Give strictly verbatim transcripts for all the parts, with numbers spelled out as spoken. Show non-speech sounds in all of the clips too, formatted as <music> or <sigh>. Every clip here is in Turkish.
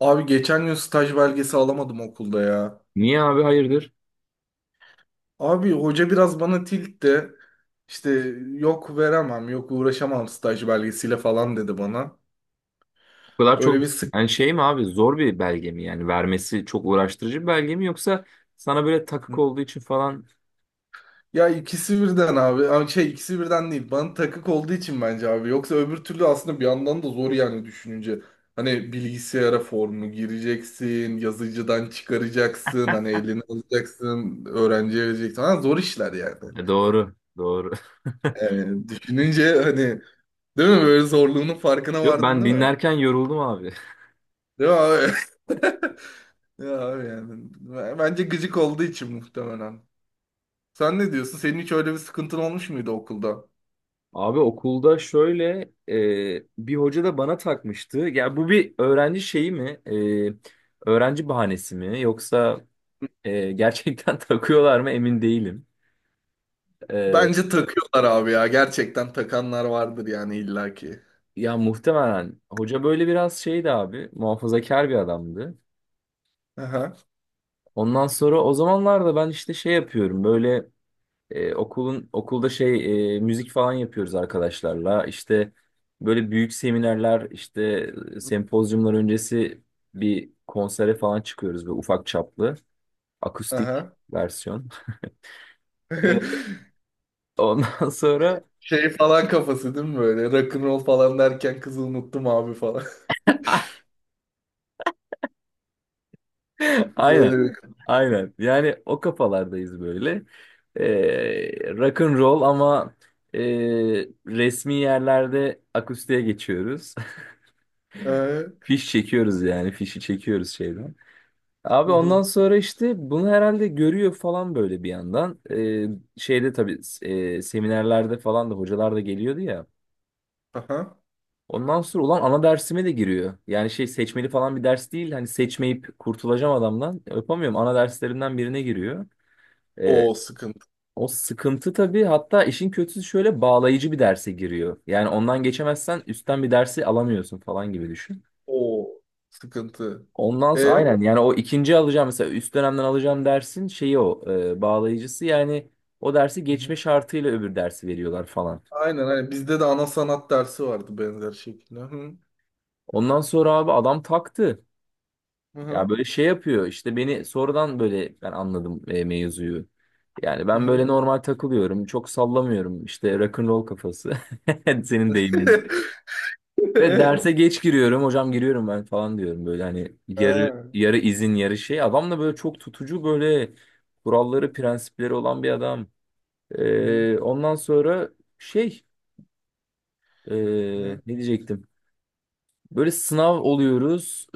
Abi geçen gün staj belgesi alamadım okulda ya. Niye abi, hayırdır? Abi hoca biraz bana tilt de işte yok veremem, yok uğraşamam staj belgesiyle falan dedi bana. O kadar çok? Öyle bir sık. Yani şey mi abi, zor bir belge mi, yani vermesi çok uğraştırıcı bir belge mi, yoksa sana böyle takık olduğu için falan? Ya ikisi birden abi. Ama şey ikisi birden değil. Bana takık olduğu için bence abi. Yoksa öbür türlü aslında bir yandan da zor yani düşününce. Hani bilgisayara formu gireceksin, yazıcıdan çıkaracaksın, hani elini alacaksın, öğrenciye vereceksin. Ha, zor işler yani. E, doğru doğru. Yani düşününce, hani, değil mi? Böyle zorluğunun <laughs> farkına Yok, vardın ben değil mi? dinlerken yoruldum abi. Değil mi abi? <laughs> Ya abi yani. b- Bence gıcık olduğu için muhtemelen. Sen ne diyorsun? Senin hiç öyle bir sıkıntın olmuş muydu okulda? Abi okulda şöyle, e, bir hoca da bana takmıştı. Ya bu bir öğrenci şeyi mi? E, öğrenci bahanesi mi? Yoksa e, gerçekten <laughs> takıyorlar mı emin değilim. E, Bence takıyorlar abi ya. Gerçekten takanlar vardır yani illaki. ya muhtemelen hoca böyle biraz şeydi abi, muhafazakar bir adamdı. Aha, Ondan sonra o zamanlarda ben işte şey yapıyorum, böyle e, okulun okulda şey, e, müzik falan yapıyoruz arkadaşlarla işte, böyle büyük seminerler işte, e, sempozyumlar öncesi bir konsere falan çıkıyoruz, böyle ufak çaplı akustik aha. versiyon. <laughs> Evet. <laughs> Ondan sonra Şey falan kafası değil mi böyle? Rock'n'roll falan derken kızı unuttum abi falan. <laughs> <laughs> aynen Öyle bir... aynen, yani o kafalardayız böyle, e, rock and roll, ama e, resmi yerlerde akustiğe geçiyoruz. Ee, Fiş çekiyoruz yani. Fişi çekiyoruz şeyden. Abi ondan uhu, sonra işte bunu herhalde görüyor falan, böyle bir yandan. Ee, şeyde tabii e, seminerlerde falan da hocalar da geliyordu ya. aha. Ondan sonra ulan ana dersime de giriyor. Yani şey, seçmeli falan bir ders değil. Hani seçmeyip kurtulacağım adamdan. Yapamıyorum. Ana derslerimden birine giriyor. Ee, O sıkıntı. o sıkıntı tabii. Hatta işin kötüsü şöyle, bağlayıcı bir derse giriyor. Yani ondan geçemezsen üstten bir dersi alamıyorsun falan gibi düşün. O sıkıntı. Ondan sonra E? aynen, yani o ikinci alacağım, mesela üst dönemden alacağım dersin şeyi o e, bağlayıcısı yani, o dersi geçme şartıyla öbür dersi veriyorlar falan. Aynen aynen. Bizde de ana sanat dersi vardı benzer şekilde. Hı hı. Ondan sonra abi adam taktı. Hı Ya hı. böyle şey yapıyor işte, beni sonradan böyle ben anladım e, mevzuyu. Yani ben böyle Hı. normal takılıyorum, çok sallamıyorum işte, rock'n'roll kafası, <laughs> senin deyimin. <laughs> Ve derse geç giriyorum hocam, giriyorum ben falan diyorum, böyle hani yarı Ha. yarı izin yarı şey, adam da böyle çok tutucu, böyle kuralları prensipleri olan bir adam. Hı hı. Ee, ondan sonra şey, ee, Hı. ne diyecektim? Böyle sınav oluyoruz.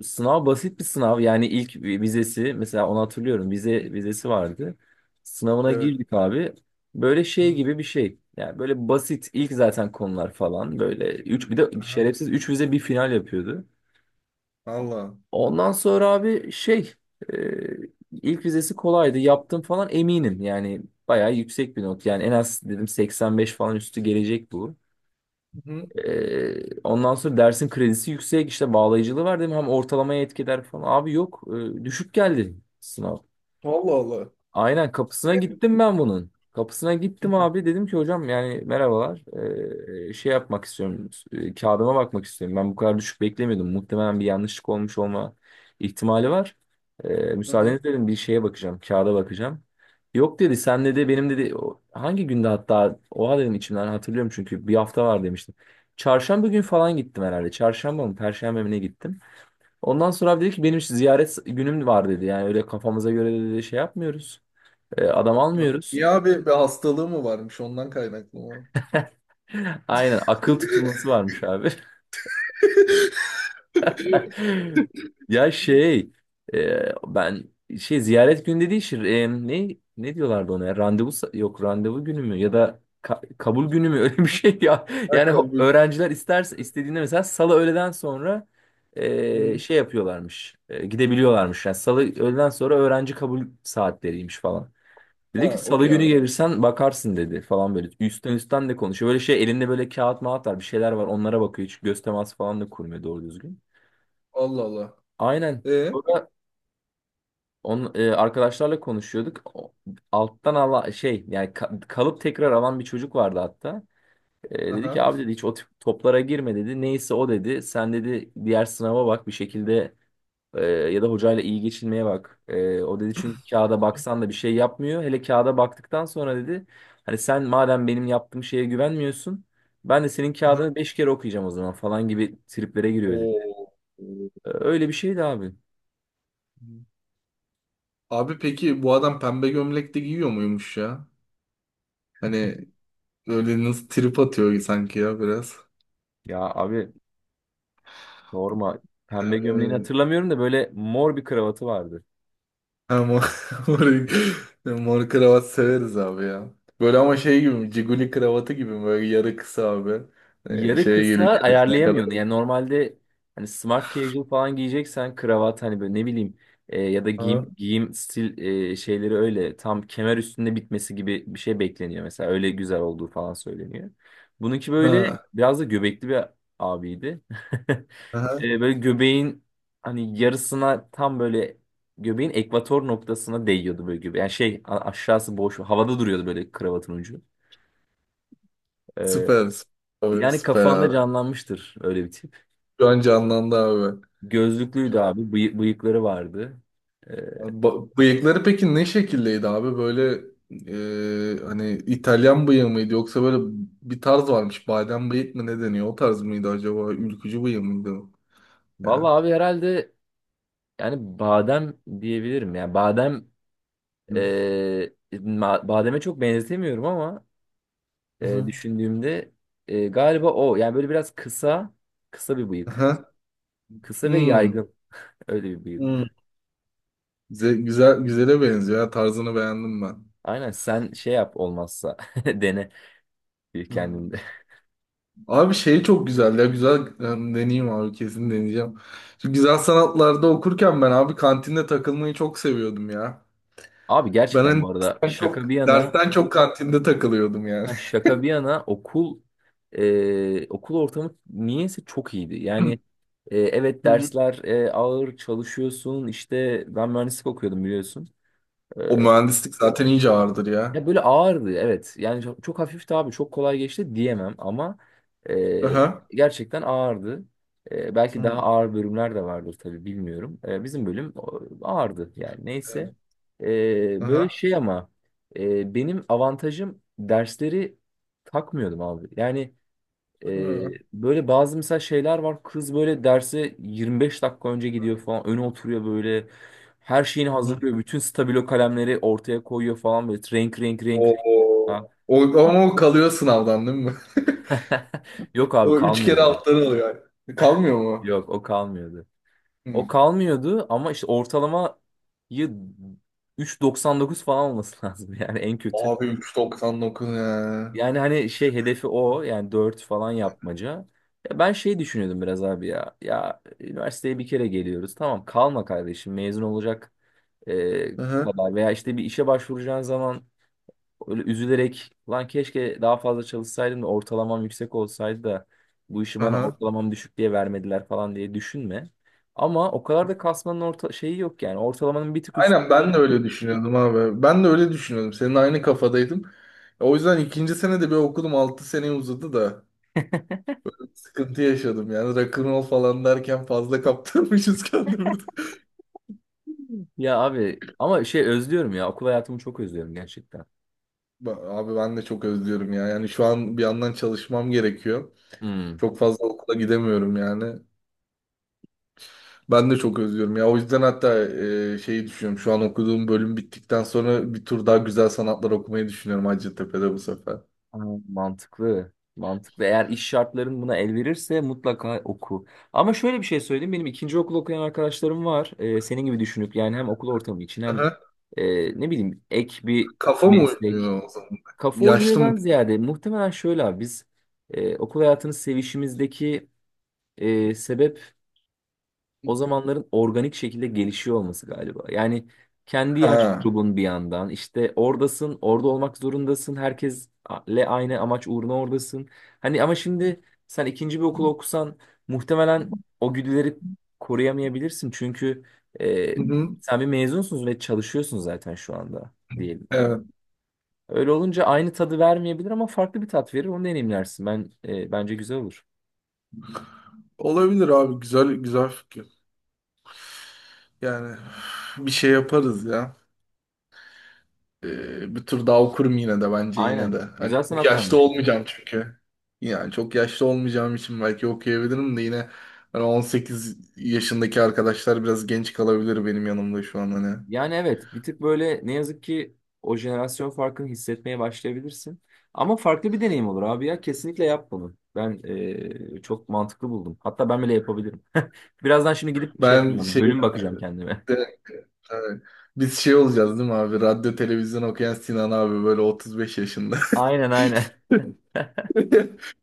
Ee, sınav basit bir sınav. Yani ilk vizesi, mesela onu hatırlıyorum. Vize vizesi vardı. Sınavına Evet. girdik abi. Böyle şey Hı. gibi bir şey. Yani böyle basit, ilk zaten konular falan. Böyle üç, bir de Aha. şerefsiz üç vize bir final yapıyordu. Allah. Ondan sonra abi şey, e, ilk vizesi kolaydı. Yaptım falan, eminim. Yani bayağı yüksek bir not. Yani en az dedim seksen beş falan üstü gelecek bu. Hı hı. Ee, ondan sonra dersin kredisi yüksek, işte bağlayıcılığı var değil mi? Hem ortalamaya etkiler falan. Abi yok, e, düşük geldi sınav. Allah Allah. Aynen, kapısına gittim ben bunun. Kapısına Hı gittim hı. abi, dedim ki hocam yani, merhabalar. Ee, şey yapmak istiyorum, e, kağıdıma bakmak istiyorum. Ben bu kadar düşük beklemiyordum. Muhtemelen bir yanlışlık olmuş olma ihtimali var. Ee, Hı hı. müsaadeniz dedim, bir şeye bakacağım, kağıda bakacağım. Yok dedi, sen dedi benim dedi o- hangi günde, hatta oha dedim içimden, hatırlıyorum çünkü bir hafta var demiştim. Çarşamba gün falan gittim herhalde. Çarşamba mı Perşembe mi ne, gittim. Ondan sonra abi dedi ki, benim ziyaret günüm var dedi. Yani öyle kafamıza göre dedi şey yapmıyoruz. E, adam Ya, almıyoruz. niye abi bir hastalığı mı varmış ondan kaynaklı mı? <laughs> Aynen, akıl tutulması varmış abi. <laughs> <laughs> Ya şey, e, ben şey, ziyaret günü dediği şey, e, ne ne diyorlardı ona ya? Randevu sa- yok, randevu günü mü, ya da ka- kabul günü mü, <laughs> öyle bir şey ya. Ha, Yani ho- kabul. öğrenciler isterse, istediğinde mesela salı öğleden sonra Hı e, hı. şey yapıyorlarmış, e, gidebiliyorlarmış. Yani salı öğleden sonra öğrenci kabul saatleriymiş falan. Ha, Dedi ki salı okey günü abi. gelirsen bakarsın dedi falan, böyle. Üstten üstten de konuşuyor. Böyle şey, elinde böyle kağıt mağat var, bir şeyler var, onlara bakıyor. Hiç göz teması falan da kurmuyor doğru düzgün. Allah Allah. Aynen. E? Sonra on, e, arkadaşlarla konuşuyorduk. O- Alttan ala şey, yani ka- kalıp tekrar alan bir çocuk vardı hatta. E, dedi ki Aha. abi dedi, hiç o tip toplara girme dedi. Neyse o dedi. Sen dedi diğer sınava bak bir şekilde, Ee, ya da hocayla iyi geçinmeye bak. Ee, o dedi, çünkü kağıda baksan da bir şey yapmıyor. Hele kağıda baktıktan sonra dedi, hani sen madem benim yaptığım şeye güvenmiyorsun, ben de senin Aha. kağıdını beş kere okuyacağım o zaman falan gibi triplere giriyor dedi. Oo. Ee, öyle bir şeydi abi. Abi peki bu adam pembe gömlek de giyiyor muymuş ya? Hani, öyle nasıl trip atıyor sanki ya biraz. Ya abi sorma, pembe gömleğini Ee, hatırlamıyorum da böyle mor bir kravatı vardı. ama mor, <laughs> mor mor kravat severiz abi ya. Böyle ama şey gibi mi? Ciguli kravatı gibi mi? Böyle yarı kısa abi. Ee, Yarı şeye kısa geliyor göğsüne kadar. ayarlayamıyorsun. Yani normalde, hani smart casual falan giyeceksen kravat, hani böyle ne bileyim, e, ya da giyim, Ha. giyim stil e, şeyleri öyle tam kemer üstünde bitmesi gibi bir şey bekleniyor mesela. Öyle güzel olduğu falan söyleniyor. Bununki böyle Ha. biraz da göbekli bir abiydi. <laughs> Aha. E, böyle göbeğin hani yarısına, tam böyle göbeğin ekvator noktasına değiyordu böyle gibi. Yani şey, a- aşağısı boş havada duruyordu böyle, kravatın ucu. E, Süper. Süper abi. yani Süper kafanda abi. canlanmıştır öyle bir tip. Şu an canlandı abi. Gözlüklüydü Şu an. abi. bıyı- bıyıkları vardı. Ee, Ba- bıyıkları peki ne şekildeydi abi? Böyle, e, hani İtalyan bıyığı mıydı, yoksa böyle bir tarz varmış. Badem bıyık mı, ne deniyor? O tarz mıydı acaba? Ülkücü bıyığı mıydı o? vallahi Ya. abi herhalde, yani badem diyebilirim. Yani badem, e, Hı ma- bademe çok benzetemiyorum ama e, hı. düşündüğümde, e, galiba o. Yani böyle biraz kısa, kısa bir bıyık. Aha. Kısa ve Hmm. yaygın. Öyle bir Hmm. bıyık. Güzel, güzel, güzele benziyor ya. Tarzını beğendim ben. Aynen, sen şey yap olmazsa, <laughs> dene Hı. kendinde. Abi şey çok güzel ya. Güzel, em, deneyeyim abi. Kesin deneyeceğim. Şu güzel sanatlarda okurken ben abi kantinde takılmayı çok seviyordum ya. Abi Ben gerçekten hani bu arada, dersten çok, şaka bir yana, dersten çok kantinde takılıyordum yani. ha, şaka bir yana okul, e, okul ortamı niyeyse çok iyiydi. Yani <laughs> e, evet, Hı hı. <clears throat> dersler e, ağır, çalışıyorsun. İşte ben mühendislik okuyordum, biliyorsun. O mühendislik zaten iyice ağırdır ya. Ya böyle ağırdı, evet. Yani çok, çok hafifti abi, çok kolay geçti diyemem ama e, Aha. gerçekten ağırdı. E, belki daha Hı. ağır bölümler de vardır tabii, bilmiyorum. E, bizim bölüm o- ağırdı yani, neyse. E, böyle Aha. şey ama, e, benim avantajım, dersleri takmıyordum abi. Yani ee, Hı. böyle bazı mesela şeyler var. Kız böyle derse yirmi beş dakika önce gidiyor falan. Öne oturuyor böyle. Her şeyini Hı. hazırlıyor. Bütün stabilo kalemleri ortaya koyuyor falan, böyle. Renk renk renk. Renk. O, o, Ha. o- ama o kalıyor sınavdan değil mi? <laughs> <laughs> Yok abi, O üç kalmıyor kere benim. alttan alıyor yani. Kalmıyor mu? Yok, o kalmıyordu. O Hı. kalmıyordu ama işte ortalamayı üç virgül doksan dokuz falan olması <laughs> lazım, yani en kötü. Abi üç doksan dokuz ya. Yani hani şey, hedefi o yani, dört falan yapmaca. Ya ben şey düşünüyordum biraz abi ya. Ya üniversiteye bir kere geliyoruz. Tamam, kalma kardeşim mezun olacak e, Aha, kadar veya işte bir işe başvuracağın zaman, öyle üzülerek, lan keşke daha fazla çalışsaydım da ortalamam yüksek olsaydı da bu işi bana aha. ortalamam düşük diye vermediler falan diye düşünme. Ama o kadar da kasmanın orta şeyi yok yani. Ortalamanın bir tık üstü. Aynen, ben de öyle düşünüyordum abi. Ben de öyle düşünüyordum. Senin aynı kafadaydım. O yüzden ikinci sene de bir okudum. Altı seneye uzadı da. Sıkıntı yaşadım yani. Rock'n'roll falan derken fazla kaptırmışız <laughs> kendimizi. Ya abi ama şey özlüyorum ya, okul hayatımı çok özlüyorum gerçekten. Ba- Abi ben de çok özlüyorum ya. Yani şu an bir yandan çalışmam gerekiyor. Hmm. Çok fazla okula gidemiyorum yani. Ben de çok özlüyorum ya. O yüzden hatta e, şeyi düşünüyorum. Şu an okuduğum bölüm bittikten sonra bir tur daha güzel sanatlar okumayı düşünüyorum, Hacettepe'de bu sefer. Ha, mantıklı. Mantıklı. Eğer iş şartların buna el verirse mutlaka oku. Ama şöyle bir şey söyleyeyim. Benim ikinci okul okuyan arkadaşlarım var. Ee, senin gibi düşünüp yani, hem okul ortamı için hem Aha. e, ne bileyim, ek bir Kafa mı meslek. uymuyor o zaman? Kafa Yaşlı mı? uymuyordan ziyade muhtemelen şöyle abi, biz e, okul hayatının sevişimizdeki e, sebep, o zamanların organik şekilde gelişiyor olması galiba. Yani kendi yaş Ha. grubun, bir yandan işte oradasın, orada olmak zorundasın. Herkesle aynı amaç uğruna oradasın. Hani ama şimdi sen ikinci bir okul okusan, muhtemelen o güdüleri koruyamayabilirsin. Çünkü e, Hı hı. sen bir mezunsun ve çalışıyorsun zaten şu anda, diyelim. Hani Evet. öyle olunca aynı tadı vermeyebilir ama farklı bir tat verir. Onu deneyimlersin. Ben e, bence güzel olur. Olabilir abi. Güzel, güzel fikir. Yani bir şey yaparız ya. Ee, bir tur daha okurum yine de, bence yine de. Aynen. Hani Güzel çok yaşlı sanatlandı. olmayacağım çünkü. Yani çok yaşlı olmayacağım için belki okuyabilirim de yine, hani on sekiz yaşındaki arkadaşlar biraz genç kalabilir benim yanımda şu an hani. Yani evet, bir tık böyle ne yazık ki o jenerasyon farkını hissetmeye başlayabilirsin. Ama farklı bir deneyim olur abi ya, kesinlikle yap bunu. Ben eee, çok mantıklı buldum. Hatta ben bile yapabilirim. <laughs> Birazdan şimdi gidip şey Ben yapacağım, şey bölüm bakacağım kendime. de- evet. Biz şey olacağız değil mi abi? Radyo televizyon okuyan Sinan abi böyle otuz beş yaşında. <laughs> Aynen aynen. <laughs>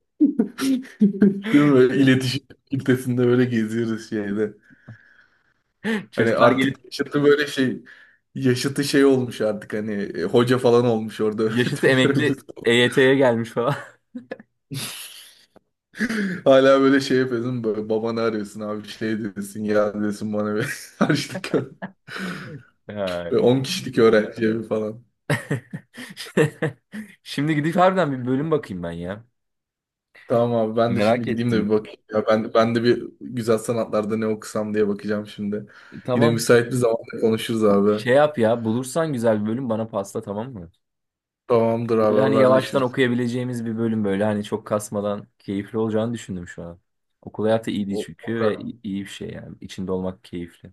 Değil mi? İletişim kitlesinde böyle geziyoruz şeyde. <laughs> Hani Çocuklar gelip artık yaşıtı böyle şey, yaşıtı şey olmuş artık, hani e, hoca falan olmuş orada, <laughs> yaşıtı öğretim görevlisi. emekli E Y T'ye gelmiş falan. <laughs> Hala böyle şey yapıyorsun, böyle babanı arıyorsun abi, şey diyorsun ya, diyorsun bana bir <laughs> harçlık gö- Ya. böyle on kişilik öğrenci evi falan. <laughs> Şimdi gidip harbiden bir bölüm bakayım ben ya. Tamam abi, ben de Merak şimdi gideyim de bir ettim. bakayım. Ya ben, ben de bir güzel sanatlarda ne okusam diye bakacağım şimdi. Yine Tamam. müsait bir zamanda konuşuruz abi. Şey yap, ya bulursan güzel bir bölüm bana pasla, tamam mı? Tamamdır abi, Böyle hani yavaştan haberleşiriz. okuyabileceğimiz bir bölüm, böyle hani çok kasmadan, keyifli olacağını düşündüm şu an. Okul hayatı iyiydi O- çünkü, akar. ve i- iyi bir şey yani. İçinde olmak keyifli.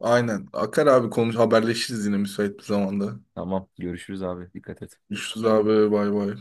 Aynen. Akar abi, konuş haberleşiriz yine müsait bir zamanda. Tamam, görüşürüz abi, dikkat et. Görüşürüz abi, bay bay.